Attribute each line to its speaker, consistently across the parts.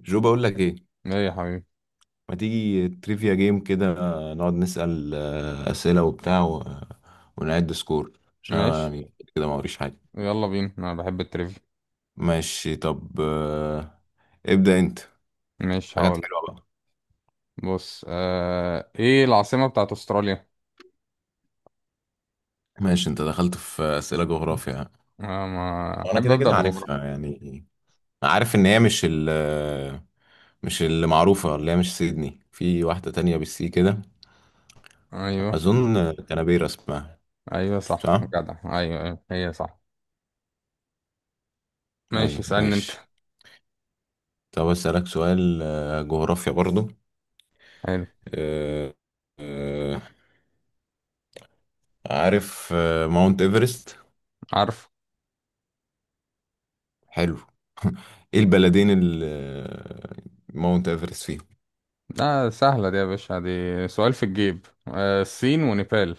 Speaker 1: جو، بقول لك ايه؟
Speaker 2: ايه يا حبيبي.
Speaker 1: ما تيجي تريفيا جيم كده؟ نقعد نسأل أسئلة وبتاع ونعد سكور، عشان أنا
Speaker 2: ماشي.
Speaker 1: يعني كده ما وريش حاجة.
Speaker 2: يلا بينا، انا بحب التريفيا.
Speaker 1: ماشي. طب. ابدأ انت.
Speaker 2: ماشي
Speaker 1: حاجات
Speaker 2: هقول.
Speaker 1: حلوة بقى.
Speaker 2: بص ايه العاصمة بتاعت استراليا؟
Speaker 1: ماشي، انت دخلت في أسئلة جغرافيا.
Speaker 2: آه، ما
Speaker 1: وانا
Speaker 2: احب
Speaker 1: كده
Speaker 2: ابدأ
Speaker 1: كده
Speaker 2: بجغرافيا.
Speaker 1: عارفها يعني. عارف ان هي مش اللي معروفة، اللي هي مش سيدني، في واحدة تانية بالسي كده.
Speaker 2: ايوه
Speaker 1: أظن كانبيرا اسمها.
Speaker 2: ايوه صح،
Speaker 1: صح؟
Speaker 2: جدع، ايوه ايوه، هي صح. ماشي،
Speaker 1: أيوة
Speaker 2: اسألني انت.
Speaker 1: ماشي. طب أسألك سؤال جغرافيا برضو.
Speaker 2: حلو.
Speaker 1: آه، آه، عارف ماونت ايفرست؟
Speaker 2: عارف.
Speaker 1: حلو. ايه البلدين اللي ماونت ايفرست فيهم؟
Speaker 2: لا، سهلة دي يا باشا، دي سؤال في الجيب، الصين ونيبال.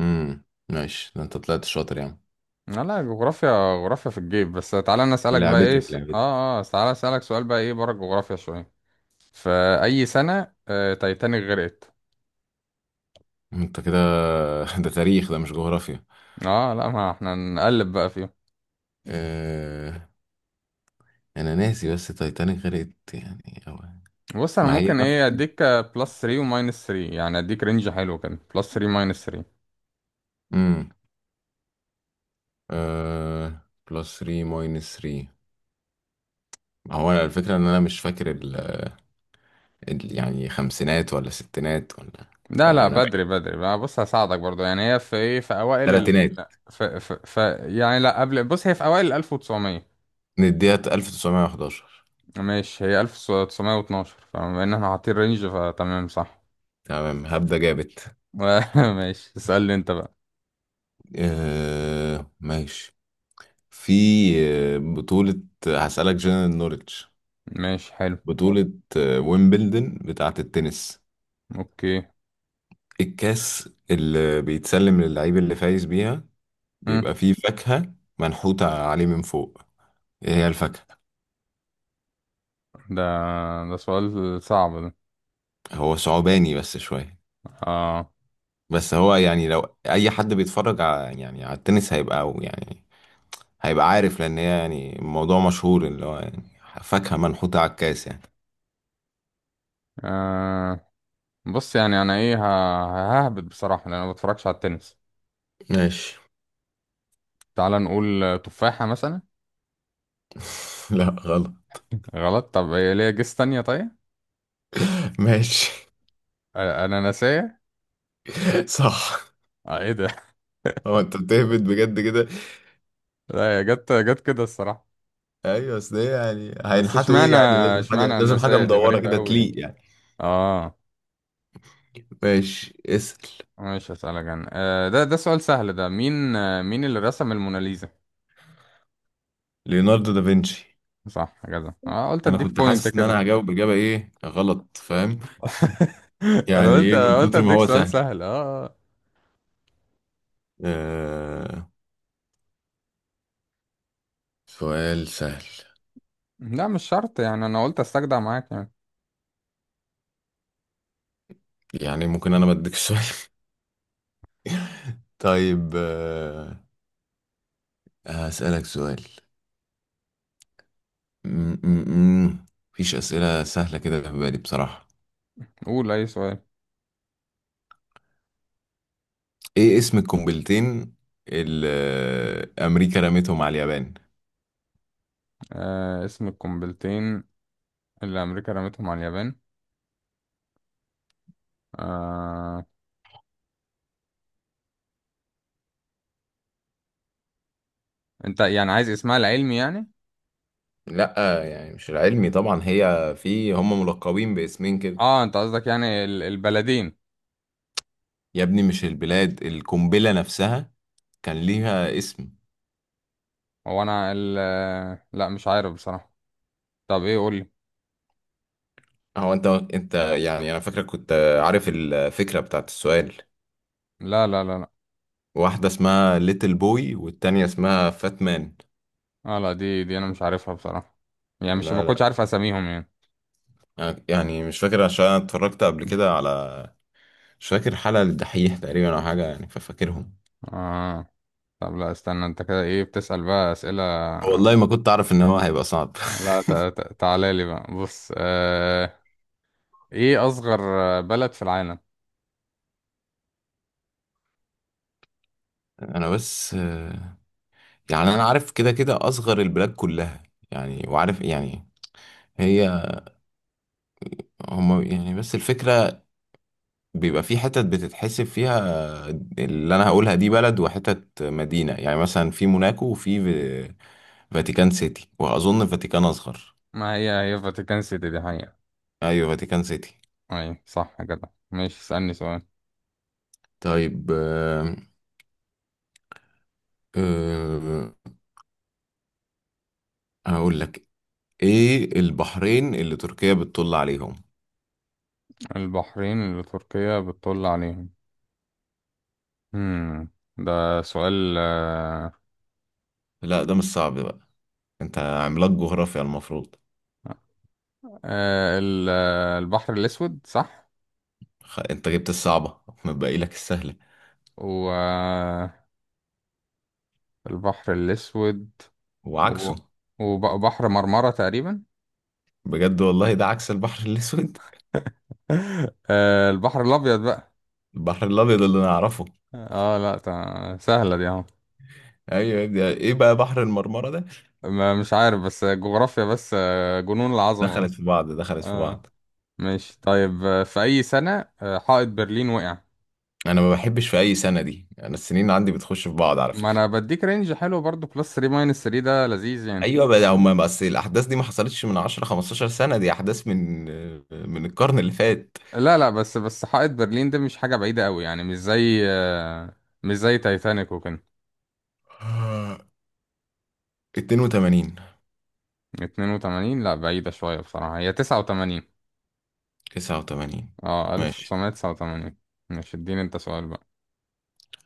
Speaker 1: امم ماشي، ده انت طلعت شاطر يعني.
Speaker 2: لا لا، جغرافيا. جغرافيا في الجيب، بس تعالى انا اسألك بقى. ايه
Speaker 1: لعبتك
Speaker 2: س...
Speaker 1: لعبتك.
Speaker 2: اه اه تعالى اسألك سؤال بقى، ايه بره الجغرافيا شوية. في أي سنة تايتانيك غرقت؟
Speaker 1: انت كده ده تاريخ، ده مش جغرافيا.
Speaker 2: اه لا، ما احنا نقلب بقى فيهم.
Speaker 1: آه، انا ناسي، بس تايتانيك غرقت يعني. أو...
Speaker 2: بص انا
Speaker 1: ما هي
Speaker 2: ممكن،
Speaker 1: نفس.
Speaker 2: ايه، اديك بلس 3 وماينس 3، يعني اديك رينج حلو كده، بلس 3 ماينس 3.
Speaker 1: امم آه... بلس 3 ماينس 3. هو أنا الفكرة ان انا مش فاكر يعني خمسينات ولا ستينات ولا،
Speaker 2: لا
Speaker 1: يعني
Speaker 2: لا،
Speaker 1: انا
Speaker 2: بدري
Speaker 1: بعيد.
Speaker 2: بدري بقى، بص هساعدك برضو، يعني هي في، ايه، في اوائل ال
Speaker 1: تلاتينات.
Speaker 2: في، يعني لا قبل، بص هي في اوائل ال 1900.
Speaker 1: نديها 1911.
Speaker 2: ماشي، هي 1912، فبما ان احنا حاطين رينج فتمام، صح.
Speaker 1: تمام هبدأ جابت.
Speaker 2: ماشي اسألني انت بقى.
Speaker 1: آه ماشي. في بطولة، هسألك جنرال نوليدج.
Speaker 2: ماشي حلو.
Speaker 1: بطولة ويمبلدن بتاعة التنس،
Speaker 2: اوكي.
Speaker 1: الكاس اللي بيتسلم للعيب اللي فايز بيها
Speaker 2: مم.
Speaker 1: بيبقى فيه فاكهة منحوتة عليه من فوق. ايه هي الفاكهة؟
Speaker 2: ده ده سؤال صعب ده.
Speaker 1: هو صعباني بس شوية.
Speaker 2: اه,
Speaker 1: بس هو يعني لو أي حد بيتفرج على، يعني على التنس، هيبقى، أو يعني هيبقى عارف، لان هي يعني الموضوع مشهور، اللي هو يعني فاكهة منحوتة على الكاس يعني.
Speaker 2: آه. بص يعني انا، ههبط بصراحه، لان انا ما بتفرجش على التنس.
Speaker 1: ماشي.
Speaker 2: تعال نقول تفاحه مثلا.
Speaker 1: لا غلط.
Speaker 2: غلط. طب هي ليها جيس تانية؟ طيب،
Speaker 1: ماشي.
Speaker 2: اناناسيه.
Speaker 1: صح.
Speaker 2: ايه ده؟
Speaker 1: هو انت بتهبد بجد كده؟
Speaker 2: لا، هي جت جت كده الصراحه.
Speaker 1: ايوه، اصل ايه يعني
Speaker 2: بس
Speaker 1: هينحتوا ايه؟ يعني لازم حاجه
Speaker 2: اشمعنى
Speaker 1: لازم حاجه
Speaker 2: اناناسيه دي
Speaker 1: مدوره
Speaker 2: غريبه
Speaker 1: كده
Speaker 2: قوي.
Speaker 1: تليق يعني.
Speaker 2: اه.
Speaker 1: ماشي، اسال.
Speaker 2: مش هسألك انا. ده سؤال سهل ده، مين اللي رسم الموناليزا؟
Speaker 1: ليوناردو دافنشي.
Speaker 2: صح كده، اه، قلت
Speaker 1: انا
Speaker 2: اديك
Speaker 1: كنت
Speaker 2: بوينت
Speaker 1: حاسس ان
Speaker 2: كده.
Speaker 1: انا هجاوب اجابه ايه غلط، فاهم.
Speaker 2: انا
Speaker 1: يعني
Speaker 2: قلت
Speaker 1: ايه من
Speaker 2: قلت
Speaker 1: كتر ما
Speaker 2: اديك
Speaker 1: هو
Speaker 2: سؤال
Speaker 1: سهل؟
Speaker 2: سهل، اه، آه.
Speaker 1: آه... سؤال سهل.
Speaker 2: لا مش شرط، يعني انا قلت استجدع معاك يعني.
Speaker 1: يعني ممكن انا بديك سؤال. طيب. هسألك سؤال. م- م- م. مفيش أسئلة سهلة كده في بالي بصراحة.
Speaker 2: قول اي سؤال.
Speaker 1: إيه اسم القنبلتين اللي أمريكا رمتهم على اليابان؟
Speaker 2: آه، اسم القنبلتين اللي أمريكا رمتهم على اليابان. آه، أنت يعني عايز اسمها العلمي يعني؟
Speaker 1: لأ يعني مش العلمي طبعا، في هم ملقبين باسمين كده.
Speaker 2: اه، أنت قصدك يعني البلدين.
Speaker 1: يا ابني مش البلاد، القنبلة نفسها كان ليها اسم.
Speaker 2: هو أنا ال آه، لا، مش عارف بصراحة. طب إيه؟ قولي.
Speaker 1: هو أنت أنت يعني أنا فاكرك كنت عارف الفكرة بتاعت السؤال.
Speaker 2: لا لا لا لا.
Speaker 1: واحدة اسمها ليتل بوي والتانية اسمها فات مان.
Speaker 2: اه لا، دي أنا مش عارفها بصراحة. يعني مش، ما
Speaker 1: لا
Speaker 2: كنتش
Speaker 1: لا.
Speaker 2: عارف أساميهم يعني.
Speaker 1: أنا يعني مش فاكر عشان أنا اتفرجت قبل كده على، مش فاكر، حلقة للدحيح تقريبا أو حاجة يعني، ففاكرهم.
Speaker 2: اه طب لا، استنى، أنت كده إيه بتسأل بقى أسئلة؟
Speaker 1: والله ما كنت اعرف ان هو هيبقى صعب.
Speaker 2: لا تعالى لي بقى، بص إيه أصغر بلد في العالم؟
Speaker 1: انا بس آه، يعني انا عارف كده كده اصغر البلاد كلها يعني، وعارف يعني هي، هم يعني. بس الفكرة بيبقى في حتت بتتحسب فيها، اللي انا هقولها دي بلد وحتت مدينة. يعني مثلا في موناكو وفي فاتيكان سيتي، واظن فاتيكان اصغر.
Speaker 2: ما هي، هي فاتيكان سيتي دي حقيقة.
Speaker 1: ايوه فاتيكان سيتي.
Speaker 2: أي صح كده، ماشي اسألني سؤال.
Speaker 1: طيب آه، هقول لك. ايه البحرين اللي تركيا بتطل عليهم؟
Speaker 2: البحرين اللي تركيا بتطل عليهم. هم. ده سؤال
Speaker 1: لا ده مش صعب بقى، انت عملاق جغرافيا المفروض.
Speaker 2: البحر الأسود، صح؟
Speaker 1: انت جبت الصعبة، متبقي لك السهلة
Speaker 2: والبحر الأسود و-
Speaker 1: وعكسه.
Speaker 2: وبحر مرمرة تقريبا.
Speaker 1: بجد والله ده عكس البحر الاسود.
Speaker 2: البحر الأبيض بقى.
Speaker 1: البحر الابيض اللي نعرفه.
Speaker 2: اه لا، سهلة دي اهو.
Speaker 1: ايوه يا ابني، ايه بقى بحر المرمرة ده؟
Speaker 2: مش عارف، بس جغرافيا، بس جنون العظمة
Speaker 1: دخلت في
Speaker 2: بس.
Speaker 1: بعض دخلت في
Speaker 2: اه
Speaker 1: بعض.
Speaker 2: ماشي، طيب في أي سنة حائط برلين وقع؟
Speaker 1: انا ما بحبش في اي سنة دي، انا السنين عندي بتخش في بعض على
Speaker 2: ما
Speaker 1: فكرة.
Speaker 2: انا بديك رينج حلو برضو، بلس 3 ماينس 3، ده لذيذ يعني.
Speaker 1: ايوه بقى، هما بس الاحداث دي ما حصلتش من 10 15 سنة، دي احداث من القرن اللي فات.
Speaker 2: لا لا، بس بس حائط برلين ده مش حاجة بعيدة قوي يعني، مش زي تايتانيك وكده.
Speaker 1: 82.
Speaker 2: 82؟ لا، بعيدة شوية بصراحة، هي 89.
Speaker 1: 89.
Speaker 2: اه،
Speaker 1: ماشي.
Speaker 2: 1989. مش، اديني انت سؤال بقى.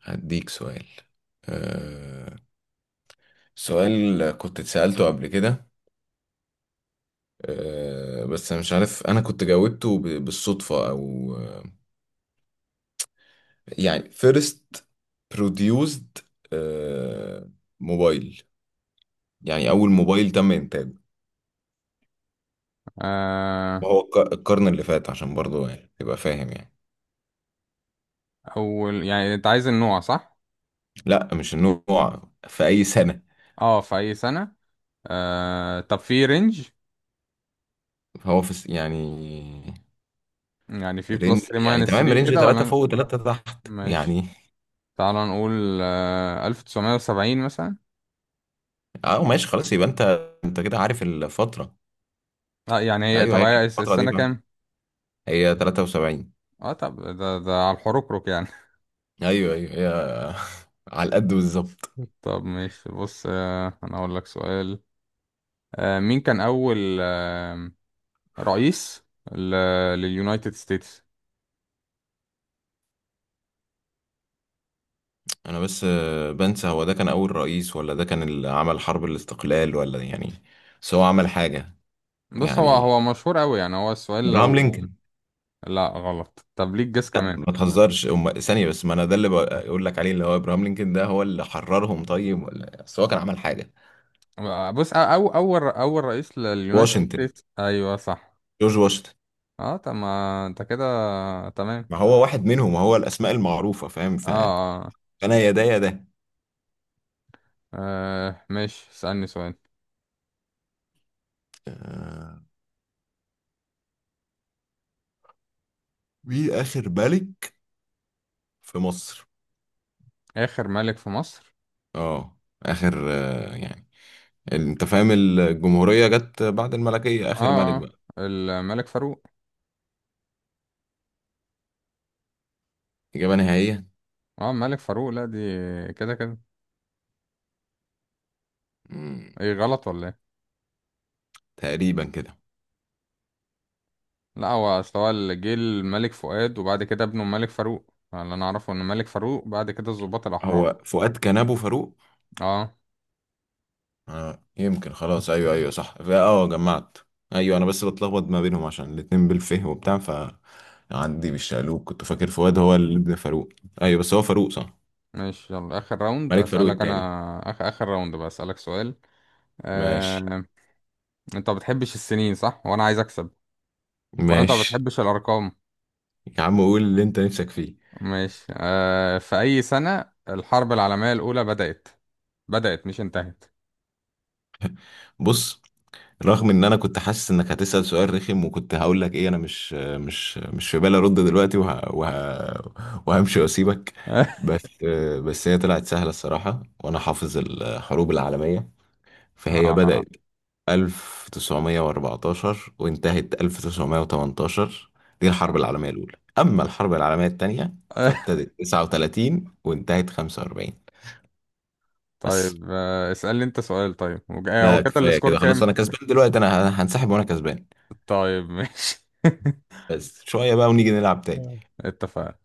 Speaker 1: هديك سؤال. أه... سؤال كنت اتسألته قبل كده، بس مش عارف أنا كنت جاوبته بالصدفة أو يعني first produced، أه... موبايل. يعني أول موبايل تم إنتاجه،
Speaker 2: آه.
Speaker 1: وهو القرن اللي فات، عشان برضه يعني تبقى فاهم يعني.
Speaker 2: اول يعني، انت عايز النوع، صح؟
Speaker 1: لا مش النوع، في أي سنة.
Speaker 2: اه، في اي سنة. طب في رينج،
Speaker 1: هو في يعني
Speaker 2: يعني في
Speaker 1: رينج،
Speaker 2: بلس 3
Speaker 1: يعني
Speaker 2: ماينس
Speaker 1: تمام
Speaker 2: 3
Speaker 1: رينج
Speaker 2: كده
Speaker 1: 3
Speaker 2: ولا؟
Speaker 1: فوق 3 تحت
Speaker 2: ماشي.
Speaker 1: يعني.
Speaker 2: تعال نقول 1970 مثلا.
Speaker 1: اه ماشي، خلاص. يبقى انت، كده عارف الفترة.
Speaker 2: اه يعني هي،
Speaker 1: ايوه
Speaker 2: طب
Speaker 1: هي
Speaker 2: هي
Speaker 1: كانت الفترة دي،
Speaker 2: السنة
Speaker 1: فاهم.
Speaker 2: كام؟
Speaker 1: هي 73.
Speaker 2: اه طب، ده على الحركرك يعني.
Speaker 1: ايوه ايوه، هي على القد بالظبط.
Speaker 2: طب ماشي، بص انا اقول لك سؤال. مين كان اول رئيس ل- لليونايتد ستيتس؟
Speaker 1: انا بس آه، بنسى، هو ده كان اول رئيس، ولا ده كان اللي عمل حرب الاستقلال ولا يعني؟ بس هو عمل حاجة
Speaker 2: بص هو،
Speaker 1: يعني.
Speaker 2: مشهور قوي يعني، هو السؤال
Speaker 1: ابراهام
Speaker 2: لو...
Speaker 1: لينكولن.
Speaker 2: لا غلط. طب ليك جس
Speaker 1: لا
Speaker 2: كمان.
Speaker 1: ما تهزرش. ثانية بس، ما انا ده اللي بقول لك عليه، اللي هو ابراهام لينكولن، ده هو اللي حررهم طيب، ولا بس هو كان عمل حاجة؟
Speaker 2: بص، اول رئيس لليونايتد
Speaker 1: واشنطن.
Speaker 2: ستيتس، ايوه صح.
Speaker 1: جورج واشنطن.
Speaker 2: اه طب ما انت كده تمام.
Speaker 1: ما هو واحد منهم، هو الاسماء المعروفة، فاهم،
Speaker 2: اه
Speaker 1: فانا
Speaker 2: اه.
Speaker 1: يا ده يا ده.
Speaker 2: ماشي اسألني سؤال.
Speaker 1: آه، مين آخر ملك في مصر؟
Speaker 2: اخر ملك في مصر.
Speaker 1: اه، اخر يعني، انت فاهم، الجمهورية جت بعد الملكية، اخر ملك
Speaker 2: اه اه.
Speaker 1: بقى.
Speaker 2: الملك فاروق.
Speaker 1: اجابة نهائية.
Speaker 2: اه، ملك فاروق، لا دي كده كده.
Speaker 1: مم.
Speaker 2: ايه، غلط ولا ايه؟
Speaker 1: تقريبا كده.
Speaker 2: لا، هو اصل هو اللي جه الملك فؤاد، وبعد كده ابنه الملك فاروق، اللي انا اعرفه ان ملك فاروق بعد كده الضباط الاحرار.
Speaker 1: هو فؤاد كان ابو فاروق.
Speaker 2: اه
Speaker 1: آه. يمكن. خلاص ايوه ايوه صح. جمعت. ايوه انا بس بتلخبط ما بينهم عشان الاتنين بالفه وبتاع ف عندي بالشقلوب، كنت فاكر فؤاد هو اللي ابن فاروق. ايوه بس هو فاروق صح.
Speaker 2: ماشي، يلا اخر راوند
Speaker 1: ملك فاروق
Speaker 2: هسألك
Speaker 1: التاني.
Speaker 2: انا، اخر اخر راوند بقى اسألك سؤال.
Speaker 1: ماشي.
Speaker 2: آه... انت ما بتحبش السنين، صح؟ وانا عايز اكسب. ولا انت ما
Speaker 1: ماشي.
Speaker 2: بتحبش الارقام.
Speaker 1: يا عم قول اللي انت نفسك فيه.
Speaker 2: ماشي، في اي سنة الحرب العالمية الاولى بدأت؟ بدأت مش انتهت.
Speaker 1: بص، رغم ان انا كنت حاسس انك هتسأل سؤال رخم، وكنت هقول لك ايه انا مش في بالي ارد دلوقتي، وهمشي واسيبك، بس. هي طلعت سهلة الصراحة، وانا حافظ الحروب العالمية. فهي
Speaker 2: آه.
Speaker 1: بدأت 1914 وانتهت 1918، دي الحرب العالمية الأولى. أما الحرب العالمية التانية فابتدت 39 وانتهت 45. بس.
Speaker 2: طيب، اسألني انت سؤال طيب، هو
Speaker 1: لا
Speaker 2: كده
Speaker 1: كفاية
Speaker 2: السكور
Speaker 1: كده خلاص،
Speaker 2: كام؟
Speaker 1: أنا كسبان دلوقتي، أنا هنسحب وأنا كسبان.
Speaker 2: طيب ماشي.
Speaker 1: بس شوية بقى ونيجي نلعب تاني.
Speaker 2: آه. اتفقنا.